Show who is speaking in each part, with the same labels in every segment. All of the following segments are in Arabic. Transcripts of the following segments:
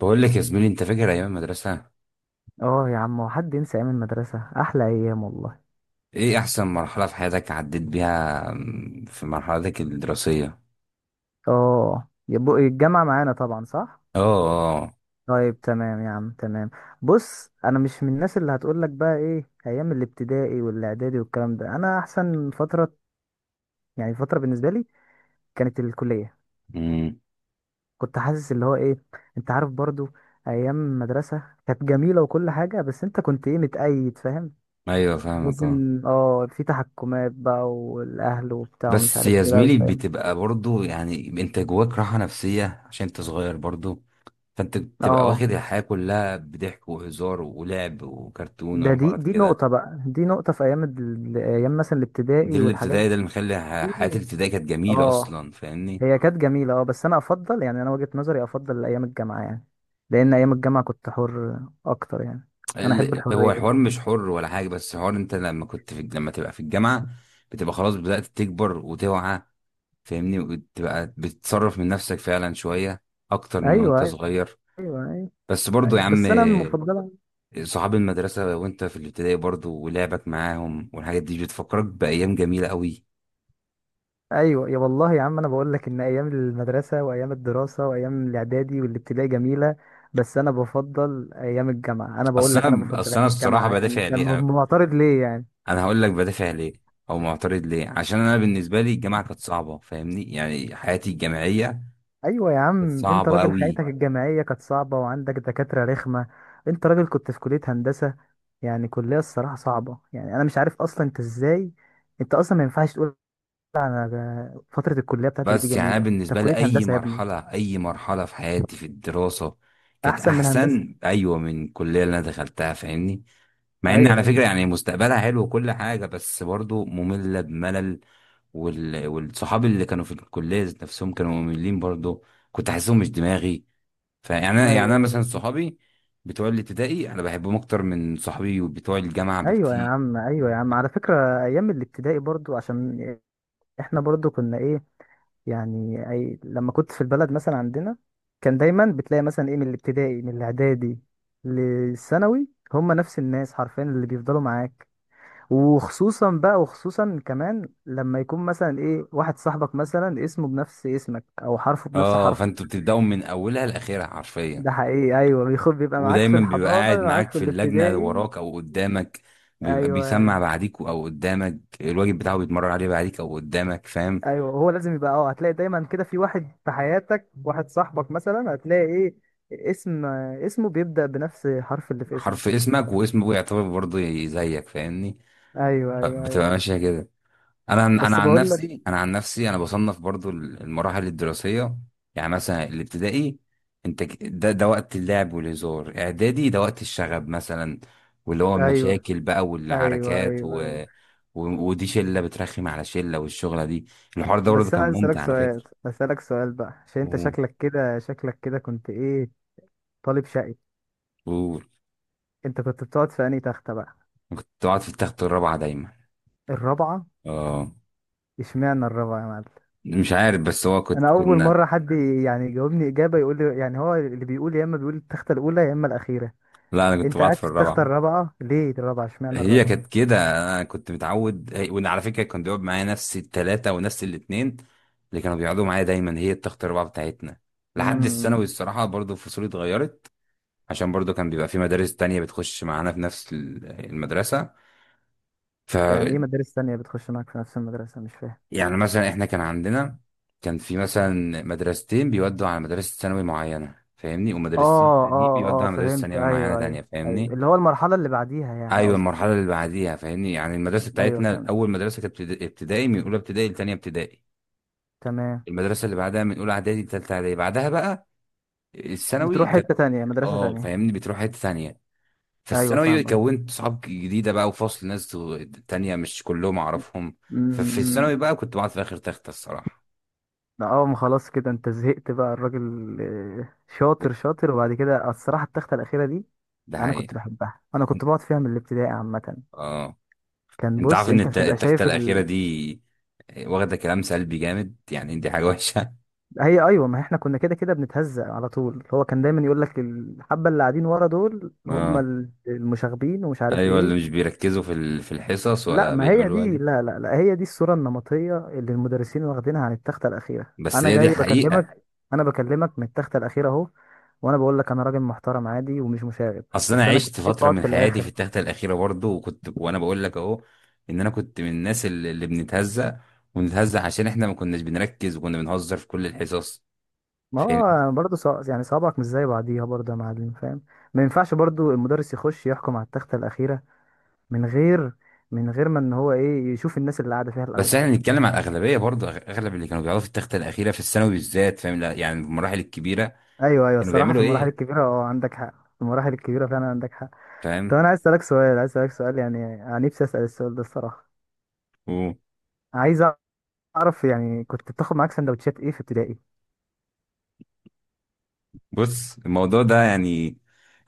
Speaker 1: بقول لك يا زميلي، انت فاكر ايام المدرسه؟
Speaker 2: اه يا عم، هو حد ينسى ايام المدرسة؟ احلى ايام والله.
Speaker 1: ايه احسن مرحله في حياتك عديت بيها، في مرحلتك الدراسيه؟
Speaker 2: اه، يبقى الجامعة معانا طبعا، صح.
Speaker 1: اه. اه.
Speaker 2: طيب تمام يا عم، تمام. بص، انا مش من الناس اللي هتقولك بقى ايه ايام الابتدائي والاعدادي والكلام ده. انا احسن فترة، يعني بالنسبة لي كانت الكلية.
Speaker 1: امم.
Speaker 2: كنت حاسس اللي هو ايه، انت عارف برضو. ايام المدرسة كانت جميلة وكل حاجة، بس انت كنت ايه، متقيد، فاهم؟
Speaker 1: ايوه فاهمك، اه.
Speaker 2: لازم اه في تحكمات بقى، والاهل وبتاع ومش
Speaker 1: بس يا
Speaker 2: عارف ايه بقى
Speaker 1: زميلي،
Speaker 2: بتاع.
Speaker 1: بتبقى برضو يعني انت جواك راحه نفسيه عشان انت صغير برضو. فانت بتبقى
Speaker 2: اه،
Speaker 1: واخد الحياه كلها بضحك وهزار ولعب وكرتون
Speaker 2: ده دي
Speaker 1: وحوارات
Speaker 2: دي
Speaker 1: كده.
Speaker 2: نقطة بقى، دي نقطة في أيام مثلا
Speaker 1: دي
Speaker 2: الابتدائي والحاجات
Speaker 1: الابتدائي، ده اللي مخلي حياه
Speaker 2: دي.
Speaker 1: الابتدائي كانت جميله
Speaker 2: اه،
Speaker 1: اصلا، فاهمني؟
Speaker 2: هي كانت جميلة اه، بس أنا أفضل، يعني أنا وجهة نظري أفضل أيام الجامعة، يعني لأن أيام الجامعة كنت حر أكتر يعني. أنا أحب
Speaker 1: هو الحوار
Speaker 2: الحرية.
Speaker 1: مش حر ولا حاجة، بس الحوار انت لما كنت في لما تبقى في الجامعة بتبقى خلاص بدأت تكبر وتوعى. فاهمني؟ وتبقى بتتصرف من نفسك فعلا شوية أكتر من
Speaker 2: أيوه،
Speaker 1: وانت
Speaker 2: أيوه،
Speaker 1: صغير.
Speaker 2: أيوه،
Speaker 1: بس برضو يا
Speaker 2: أيوه،
Speaker 1: عم،
Speaker 2: بس أنا مفضلة.
Speaker 1: صحاب المدرسة وانت في الابتدائي برضو ولعبك معاهم والحاجات دي بتفكرك بأيام جميلة قوي.
Speaker 2: أيوه يا والله يا عم، أنا بقول لك إن أيام المدرسة وأيام الدراسة وأيام الإعدادي والابتدائي جميلة، بس أنا بفضل أيام الجامعة. أنا بقول
Speaker 1: أصل
Speaker 2: لك أنا
Speaker 1: أنا
Speaker 2: بفضل
Speaker 1: أصل أنا
Speaker 2: أيام
Speaker 1: الصراحة
Speaker 2: الجامعة، يعني
Speaker 1: بدافع
Speaker 2: أنت
Speaker 1: ليه أنا،
Speaker 2: معترض ليه يعني؟
Speaker 1: أنا هقول لك بدافع ليه أو معترض ليه. عشان أنا بالنسبة لي الجامعة كانت صعبة، فاهمني؟ يعني حياتي الجامعية
Speaker 2: ايوه يا
Speaker 1: كانت
Speaker 2: عم، انت
Speaker 1: صعبة
Speaker 2: راجل حياتك
Speaker 1: قوي.
Speaker 2: الجامعيه كانت صعبه وعندك دكاتره رخمه. انت راجل كنت في كليه هندسه، يعني كليه الصراحه صعبه يعني. انا مش عارف اصلا انت ازاي، انت اصلا ما ينفعش تقول على فتره الكليه بتاعتك دي
Speaker 1: بس يعني انا
Speaker 2: جميله. انت في
Speaker 1: بالنسبه لي
Speaker 2: كليه
Speaker 1: اي
Speaker 2: هندسه يا ابني.
Speaker 1: مرحله اي مرحله في حياتي في الدراسه كانت
Speaker 2: احسن من هندسه؟
Speaker 1: احسن، ايوه، من الكليه اللي انا دخلتها، فاهمني؟ مع ان
Speaker 2: ايوه،
Speaker 1: على فكره
Speaker 2: ايوه،
Speaker 1: يعني مستقبلها حلو وكل حاجه، بس برضو ممله بملل. والصحاب اللي كانوا في الكليه ذات نفسهم كانوا مملين برضو، كنت احسهم مش دماغي. فيعني انا مثلا
Speaker 2: ايوه.
Speaker 1: صحابي بتوع الابتدائي انا بحبهم اكتر من صحابي وبتوع الجامعه
Speaker 2: ايوه يا
Speaker 1: بكتير.
Speaker 2: عم، ايوه يا عم، على فكره ايام الابتدائي برضو عشان احنا برضو كنا ايه، يعني أي لما كنت في البلد مثلا عندنا كان دايما بتلاقي مثلا ايه، من الابتدائي من الاعدادي للثانوي هم نفس الناس حرفيا اللي بيفضلوا معاك. وخصوصا بقى، وخصوصا كمان لما يكون مثلا ايه، واحد صاحبك مثلا اسمه بنفس اسمك او حرفه بنفس
Speaker 1: اه،
Speaker 2: حرفك.
Speaker 1: فانتوا بتبداوا من اولها لاخرها حرفيا.
Speaker 2: ده حقيقي، ايوه بيخب بيبقى معاك في
Speaker 1: ودايما بيبقى
Speaker 2: الحضانه،
Speaker 1: قاعد
Speaker 2: معاك
Speaker 1: معاك
Speaker 2: في
Speaker 1: في اللجنة
Speaker 2: الابتدائي.
Speaker 1: وراك أو قدامك، بيبقى بيسمع
Speaker 2: ايوه،
Speaker 1: بعديك أو قدامك، الواجب بتاعه بيتمرن عليه بعديك أو قدامك، فاهم؟
Speaker 2: ايوه، هو لازم يبقى اه، هتلاقي دايما كده في واحد في حياتك، واحد صاحبك مثلا هتلاقي ايه، اسم اسمه بيبدأ بنفس حرف اللي في
Speaker 1: حرف
Speaker 2: اسمك.
Speaker 1: اسمك واسمه يعتبر برضه زيك، فاهمني؟
Speaker 2: ايوه، ايوه،
Speaker 1: بتبقى
Speaker 2: ايوه،
Speaker 1: ماشية كده. انا انا
Speaker 2: بس
Speaker 1: عن
Speaker 2: بقول لك.
Speaker 1: نفسي انا عن نفسي انا بصنف برضو المراحل الدراسيه. يعني مثلا الابتدائي، انت ده وقت اللعب والهزار. اعدادي ده وقت الشغب مثلا، واللي هو
Speaker 2: ايوه،
Speaker 1: المشاكل بقى
Speaker 2: ايوه،
Speaker 1: والعركات
Speaker 2: ايوه، ايوه،
Speaker 1: و... ودي شله بترخم على شله، والشغله دي الحوار ده برضه
Speaker 2: بس انا
Speaker 1: كان
Speaker 2: عايز اسالك
Speaker 1: ممتع على
Speaker 2: سؤال
Speaker 1: فكره.
Speaker 2: اسالك سؤال بقى، عشان انت
Speaker 1: و...
Speaker 2: شكلك كده كنت ايه، طالب شقي.
Speaker 1: و...
Speaker 2: انت كنت بتقعد في انهي تخته بقى؟
Speaker 1: كنت بقعد في التخت الرابعه دايما.
Speaker 2: الرابعه؟
Speaker 1: اه،
Speaker 2: اشمعنى الرابعه يا معلم؟
Speaker 1: مش عارف، بس هو
Speaker 2: انا
Speaker 1: كنت
Speaker 2: اول
Speaker 1: كنا
Speaker 2: مره حد يعني يجاوبني اجابه يقول لي، يعني هو اللي بيقول يا اما بيقول التخته الاولى يا اما الاخيره.
Speaker 1: لا انا كنت
Speaker 2: انت
Speaker 1: بقعد
Speaker 2: قاعد
Speaker 1: في
Speaker 2: في التخته
Speaker 1: الرابعه.
Speaker 2: الرابعه ليه؟ الرابعه، اشمعنى
Speaker 1: هي
Speaker 2: الرابعه؟
Speaker 1: كانت كده، انا كنت متعود. وان على فكره كان بيقعد معايا نفس الثلاثه ونفس الاثنين اللي كانوا بيقعدوا معايا دايما، هي التخت الاربعه بتاعتنا. لحد
Speaker 2: امم.
Speaker 1: الثانوي الصراحه برضو فصولي اتغيرت، عشان برضو كان بيبقى في مدارس تانية بتخش معانا في نفس المدرسه. ف،
Speaker 2: يعني ايه مدارس تانية بتخش معاك في نفس المدرسه؟ مش فاهم.
Speaker 1: يعني مثلا احنا كان عندنا كان في مثلا مدرستين بيودوا على مدرسه ثانوي معينه، فاهمني؟ ومدرستين
Speaker 2: اه،
Speaker 1: تانيين
Speaker 2: اه،
Speaker 1: بيودوا
Speaker 2: اه،
Speaker 1: على مدرسه
Speaker 2: فهمت،
Speaker 1: ثانوي معينه
Speaker 2: ايوه، ايوه.
Speaker 1: تانية،
Speaker 2: ايوه،
Speaker 1: فاهمني؟
Speaker 2: اللي هو المرحلة اللي بعديها يعني
Speaker 1: ايوه
Speaker 2: قصدك.
Speaker 1: المرحله اللي بعديها، فاهمني؟ يعني المدرسه
Speaker 2: ايوه،
Speaker 1: بتاعتنا
Speaker 2: فهمت،
Speaker 1: اول مدرسه كانت ابتدائي من اولى ابتدائي لتانية ابتدائي.
Speaker 2: تمام.
Speaker 1: المدرسه اللي بعدها من اولى اعدادي لتالتة اعدادي. بعدها بقى الثانوي
Speaker 2: بتروح
Speaker 1: كانت،
Speaker 2: حتة تانية، مدرسة
Speaker 1: اه
Speaker 2: تانية.
Speaker 1: فاهمني، بتروح حته ثانيه.
Speaker 2: ايوه،
Speaker 1: فالثانوي
Speaker 2: فاهمك.
Speaker 1: كونت صحاب جديده بقى، وفصل ناس تانية مش كلهم اعرفهم. ففي
Speaker 2: امم.
Speaker 1: الثانوي بقى كنت بقعد في اخر تخته الصراحه.
Speaker 2: لا اه، ما خلاص كده انت زهقت بقى الراجل. آه، شاطر شاطر. وبعد كده الصراحة التختة الأخيرة دي
Speaker 1: ده
Speaker 2: انا كنت
Speaker 1: حقيقه.
Speaker 2: بحبها، انا كنت بقعد فيها من الابتدائي عامة.
Speaker 1: اه،
Speaker 2: كان
Speaker 1: انت
Speaker 2: بص
Speaker 1: عارف ان
Speaker 2: انت بتبقى
Speaker 1: التخته
Speaker 2: شايف
Speaker 1: الاخيره
Speaker 2: ال...
Speaker 1: دي واخده كلام سلبي جامد، يعني دي حاجه وحشه.
Speaker 2: هي ايوه، ما احنا كنا كده كده بنتهزق على طول. هو كان دايما يقول لك الحبة اللي قاعدين ورا دول هم
Speaker 1: آه.
Speaker 2: المشاغبين ومش عارف
Speaker 1: ايوه اللي
Speaker 2: ايه.
Speaker 1: مش بيركزوا في في الحصص
Speaker 2: لا
Speaker 1: ولا
Speaker 2: ما هي
Speaker 1: بيعملوا
Speaker 2: دي،
Speaker 1: واجب.
Speaker 2: لا، لا، لا، هي دي الصورة النمطية اللي المدرسين واخدينها عن التختة الأخيرة.
Speaker 1: بس
Speaker 2: أنا
Speaker 1: هي دي
Speaker 2: جاي
Speaker 1: الحقيقه.
Speaker 2: بكلمك، أنا بكلمك من التختة الأخيرة أهو، وأنا بقول لك أنا راجل محترم عادي ومش مشاغب،
Speaker 1: اصل انا
Speaker 2: بس أنا كنت
Speaker 1: عشت
Speaker 2: أحب
Speaker 1: فتره
Speaker 2: أقعد
Speaker 1: من
Speaker 2: في
Speaker 1: حياتي في
Speaker 2: الآخر.
Speaker 1: التخته الاخيره برضو، وكنت، وانا بقول لك اهو، ان انا كنت من الناس اللي بنتهزق. ونتهزق عشان احنا ما كناش بنركز وكنا بنهزر في كل الحصص،
Speaker 2: ما
Speaker 1: فاهم؟
Speaker 2: هو برضه صع... يعني صوابعك مش زي بعضيها برضه يا معلم، فاهم؟ ما ينفعش برضه المدرس يخش يحكم على التختة الأخيرة من غير، من غير ما إن هو إيه يشوف الناس اللي قاعدة فيها
Speaker 1: بس
Speaker 2: الأول.
Speaker 1: احنا بنتكلم على الاغلبيه برضو، اغلب اللي كانوا بيقعدوا في التخته الاخيره في الثانوي بالذات، فاهم؟ لا يعني في المراحل الكبيره
Speaker 2: أيوه، أيوه،
Speaker 1: كانوا
Speaker 2: الصراحة في
Speaker 1: بيعملوا
Speaker 2: المراحل
Speaker 1: ايه،
Speaker 2: الكبيرة أه عندك حق، في المراحل الكبيرة فعلا عندك حق. طب
Speaker 1: فاهم؟
Speaker 2: انا عايز اسالك سؤال، يعني انا نفسي اسال السؤال ده الصراحه.
Speaker 1: وبص،
Speaker 2: عايز اعرف، يعني كنت بتاخد معاك سندوتشات ايه في ابتدائي؟
Speaker 1: الموضوع ده يعني،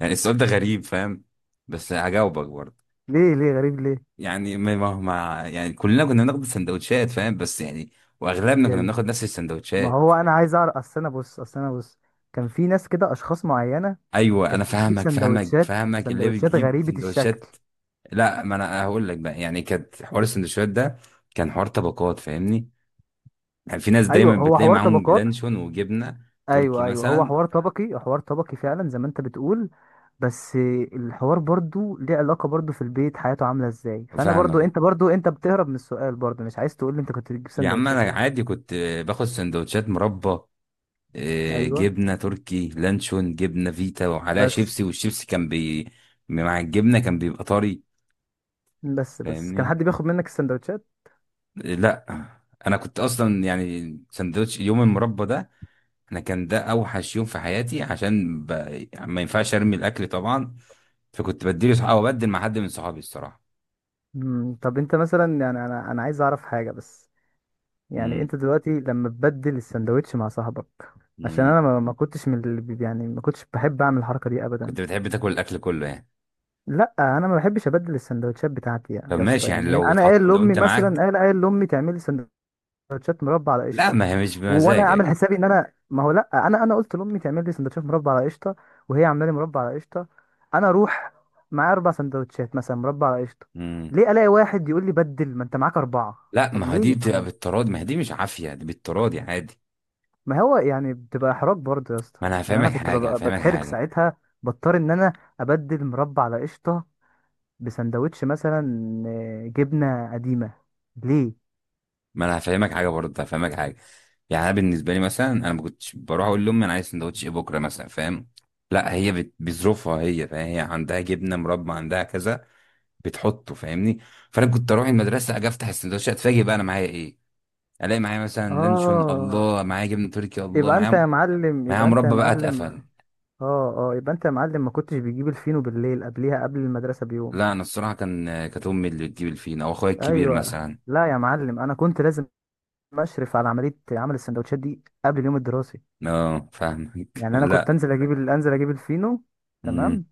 Speaker 1: يعني السؤال ده غريب، فاهم؟ بس هجاوبك برضو.
Speaker 2: ليه، ليه غريب ليه؟
Speaker 1: يعني يعني كلنا كنا بناخد السندوتشات، فاهم؟ بس يعني واغلبنا كنا
Speaker 2: يعني
Speaker 1: بناخد نفس
Speaker 2: ما
Speaker 1: السندوتشات.
Speaker 2: هو انا عايز اعرف، اصل انا بص كان في ناس كده اشخاص معينه
Speaker 1: ايوه انا
Speaker 2: كانت بتجيب
Speaker 1: فاهمك فاهمك
Speaker 2: سندوتشات،
Speaker 1: فاهمك اللي
Speaker 2: سندوتشات
Speaker 1: بتجيب
Speaker 2: غريبه الشكل.
Speaker 1: سندوتشات. لا، ما انا هقول لك بقى. يعني كانت حوار السندوتشات ده كان حوار طبقات، فاهمني؟ يعني في ناس
Speaker 2: ايوه،
Speaker 1: دايما
Speaker 2: هو
Speaker 1: بتلاقي
Speaker 2: حوار
Speaker 1: معاهم
Speaker 2: طبقات.
Speaker 1: لانشون وجبنه تركي
Speaker 2: ايوه، ايوه، هو
Speaker 1: مثلا.
Speaker 2: حوار طبقي، حوار طبقي فعلا زي ما انت بتقول. بس الحوار برضو ليه علاقة برضو في البيت حياته عاملة ازاي، فانا برضو
Speaker 1: فاهمك
Speaker 2: انت برضو انت بتهرب من السؤال برضو، مش عايز تقول لي انت كنت بتجيب
Speaker 1: يا عم. انا
Speaker 2: سندوتشات ايه.
Speaker 1: عادي كنت باخد سندوتشات مربى، آه،
Speaker 2: ايوه،
Speaker 1: جبنه تركي، لانشون، جبنه فيتا وعليها
Speaker 2: بس
Speaker 1: شيبسي. والشيبسي كان مع الجبنه كان بيبقى طري،
Speaker 2: بس كان
Speaker 1: فاهمني؟
Speaker 2: حد بياخد منك السندوتشات؟
Speaker 1: لا انا كنت اصلا يعني سندوتش يوم المربى ده، انا كان ده اوحش يوم في حياتي. ما ينفعش ارمي الاكل طبعا، فكنت بديله او ابدل مع حد من صحابي الصراحه.
Speaker 2: مم، طب انت مثلا، يعني انا عايز اعرف حاجة بس، يعني
Speaker 1: امم.
Speaker 2: انت دلوقتي لما تبدل السندوتش مع صاحبك، عشان
Speaker 1: امم.
Speaker 2: انا ما كنتش من اللي بي-، يعني ما كنتش بحب اعمل الحركة دي ابدا.
Speaker 1: كنت بتحب تاكل الاكل كله يعني.
Speaker 2: لا انا ما بحبش ابدل السندوتشات بتاعتي يا،
Speaker 1: طب
Speaker 2: يا اسطى،
Speaker 1: ماشي،
Speaker 2: يعني
Speaker 1: يعني
Speaker 2: هي-،
Speaker 1: لو
Speaker 2: انا
Speaker 1: اتحط،
Speaker 2: قايل
Speaker 1: لو
Speaker 2: لامي
Speaker 1: انت
Speaker 2: مثلا،
Speaker 1: معاك،
Speaker 2: قايل لامي تعملي لي سندوتشات مربى على
Speaker 1: لا
Speaker 2: قشطه.
Speaker 1: ما هي مش
Speaker 2: وانا
Speaker 1: بمزاجك.
Speaker 2: عامل حسابي ان انا ما هو لا انا، انا قلت لامي تعمل لي سندوتشات مربى على قشطه، وهي عامله لي مربى على قشطه، انا اروح معايا اربع سندوتشات مثلا مربى على قشطه،
Speaker 1: امم.
Speaker 2: ليه الاقي واحد يقول لي بدل ما انت معاك اربعه.
Speaker 1: لا
Speaker 2: طب
Speaker 1: ما هي
Speaker 2: ليه
Speaker 1: دي
Speaker 2: يا
Speaker 1: بتبقى
Speaker 2: عم؟
Speaker 1: بالتراضي، ما هي دي مش عافيه، دي بالتراضي عادي.
Speaker 2: ما هو يعني بتبقى احراج برضه يا اسطى،
Speaker 1: ما انا
Speaker 2: يعني انا
Speaker 1: هفهمك
Speaker 2: كنت
Speaker 1: حاجه
Speaker 2: ببقى
Speaker 1: هفهمك
Speaker 2: بتحرج
Speaker 1: حاجه
Speaker 2: ساعتها، بضطر ان انا ابدل مربى على قشطه بسندوتش مثلا آه، جبنة قديمة، ليه؟
Speaker 1: ما انا هفهمك حاجه برضه هفهمك حاجه. يعني انا بالنسبه لي مثلا انا ما كنتش بروح اقول لامي انا عايز سندوتش ايه بكره مثلا، فاهم؟ لا هي بظروفها هي، فاهم؟ هي عندها جبنه، مربى، عندها كذا، بتحطه، فاهمني؟ فانا كنت اروح المدرسه اجي افتح السندوتشات اتفاجئ بقى انا معايا ايه. الاقي معايا مثلا لانشون،
Speaker 2: اه،
Speaker 1: الله، معايا جبنه تركي، الله،
Speaker 2: يبقى انت يا
Speaker 1: معايا
Speaker 2: معلم
Speaker 1: معايا
Speaker 2: يبقى انت يا
Speaker 1: مربى بقى
Speaker 2: معلم
Speaker 1: اتقفل.
Speaker 2: اه، اه، يبقى انت يا معلم ما كنتش بتجيب الفينو بالليل قبليها، قبل المدرسة بيوم.
Speaker 1: لا انا الصراحه كان كانت امي اللي بتجيب الفينا او اخويا الكبير
Speaker 2: ايوه،
Speaker 1: مثلا.
Speaker 2: لا يا معلم، انا كنت لازم اشرف على عملية عمل السندوتشات دي قبل اليوم الدراسي.
Speaker 1: اه فاهمك
Speaker 2: يعني انا كنت
Speaker 1: لا.
Speaker 2: انزل اجيب الفينو تمام.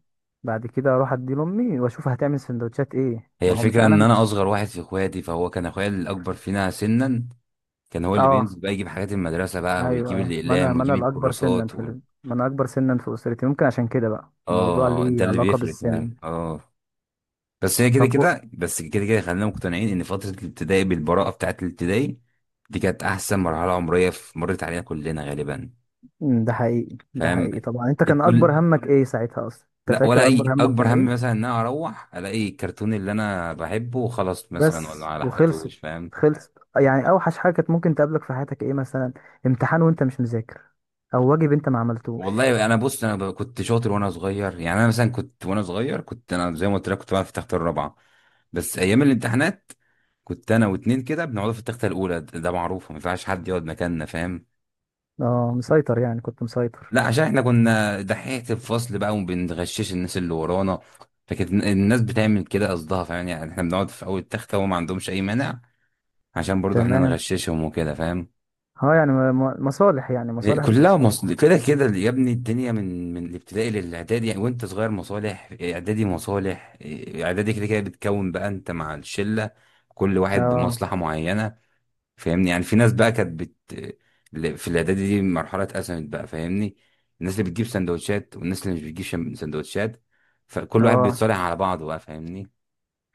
Speaker 2: بعد كده اروح ادي لامي واشوف هتعمل سندوتشات ايه،
Speaker 1: هي
Speaker 2: ما هو مش
Speaker 1: الفكرة
Speaker 2: انا
Speaker 1: إن أنا
Speaker 2: مش.
Speaker 1: أصغر واحد في إخواتي، فهو كان أخويا الأكبر فينا سنا، كان هو اللي
Speaker 2: اه،
Speaker 1: بينزل بقى يجيب حاجات المدرسة بقى،
Speaker 2: ايوه،
Speaker 1: ويجيب
Speaker 2: أيوة. ما انا،
Speaker 1: الأقلام
Speaker 2: ما
Speaker 1: ويجيب
Speaker 2: انا الاكبر سنا
Speaker 1: الكراسات
Speaker 2: في ال...، ما انا اكبر سنا في اسرتي. ممكن عشان كده بقى الموضوع
Speaker 1: آه، هو ده
Speaker 2: ليه
Speaker 1: اللي
Speaker 2: علاقه
Speaker 1: بيفرق فعلا،
Speaker 2: بالسن.
Speaker 1: آه. بس هي كده
Speaker 2: طب أو-،
Speaker 1: كده، بس كده كده خلينا مقتنعين إن فترة الابتدائي بالبراءة بتاعة الابتدائي دي كانت أحسن مرحلة عمرية في مرت علينا كلنا غالبا.
Speaker 2: أمم، ده حقيقي، ده
Speaker 1: فاهم؟
Speaker 2: حقيقي طبعا. انت كان
Speaker 1: الكل،
Speaker 2: اكبر همك ايه ساعتها اصلا؟ انت
Speaker 1: لا، ولا
Speaker 2: فاكر اكبر
Speaker 1: أي
Speaker 2: همك كان
Speaker 1: أكبر هم
Speaker 2: ايه؟
Speaker 1: مثلا إن أنا أروح ألاقي الكرتون اللي أنا بحبه وخلاص مثلا، ولا
Speaker 2: بس
Speaker 1: على حقته،
Speaker 2: وخلصت؟
Speaker 1: فاهم؟
Speaker 2: خلصت يعني، اوحش حاجه كانت ممكن تقابلك في حياتك ايه مثلا؟ امتحان وانت مش مذاكر، او واجب انت ما عملتوش؟
Speaker 1: والله انا بص، كنت شاطر وانا صغير. يعني انا مثلا كنت وانا صغير، كنت انا زي ما قلت لك كنت بقعد في تخت الرابعه. بس ايام الامتحانات كنت انا واتنين كده بنقعد في التخته الاولى. ده معروف ما ينفعش حد يقعد مكاننا، فاهم؟
Speaker 2: اه، مسيطر، يعني كنت مسيطر.
Speaker 1: لا عشان احنا كنا دحيحه الفصل بقى وبنغشش الناس اللي ورانا. فكانت الناس بتعمل كده قصدها، فاهم؟ يعني احنا بنقعد في اول تخته وهم ما عندهمش اي مانع، عشان برضو احنا
Speaker 2: تمام.
Speaker 1: نغششهم وكده، فاهم؟
Speaker 2: اه، يعني م-، م-، مصالح يعني،
Speaker 1: إيه،
Speaker 2: مصالح
Speaker 1: كلها مصل
Speaker 2: بتتصالح.
Speaker 1: كده كده يا ابني. الدنيا من الابتدائي للاعدادي يعني، وانت صغير مصالح، إيه، اعدادي مصالح، إيه، اعدادي كده كده بتكون بقى انت مع الشله. كل واحد
Speaker 2: اه،
Speaker 1: بمصلحه معينه، فاهمني؟ يعني في ناس بقى كانت في الاعدادي دي مرحله اتقسمت بقى، فاهمني؟ الناس اللي بتجيب سندوتشات والناس اللي مش بتجيب سندوتشات. فكل واحد
Speaker 2: اه،
Speaker 1: بيتصالح على بعضه بقى، فاهمني؟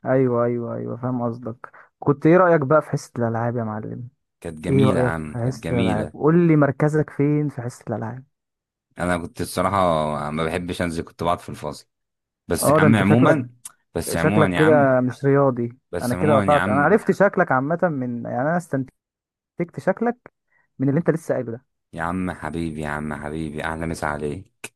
Speaker 2: ايوه، ايوه، ايوه، فاهم قصدك. كنت ايه رأيك بقى في حصة الالعاب يا معلم؟
Speaker 1: كانت
Speaker 2: ايه
Speaker 1: جميله يا
Speaker 2: رأيك
Speaker 1: عم،
Speaker 2: في
Speaker 1: كانت
Speaker 2: حصة الالعاب،
Speaker 1: جميله.
Speaker 2: قول لي مركزك فين في حصة الالعاب؟
Speaker 1: انا كنت الصراحه ما بحبش انزل، كنت بقعد في الفصل. بس يا
Speaker 2: اه ده
Speaker 1: عم
Speaker 2: انت شكلك،
Speaker 1: عموما، بس
Speaker 2: شكلك
Speaker 1: عموما يا عم،
Speaker 2: كده مش رياضي.
Speaker 1: بس
Speaker 2: انا كده
Speaker 1: عموما يا
Speaker 2: قطعت، انا
Speaker 1: عم،
Speaker 2: عرفت شكلك عامة، من يعني انا استنتجت شكلك من اللي انت لسه قايله ده.
Speaker 1: يا عم حبيبي، يا عم حبيبي، احلى مسا عليك.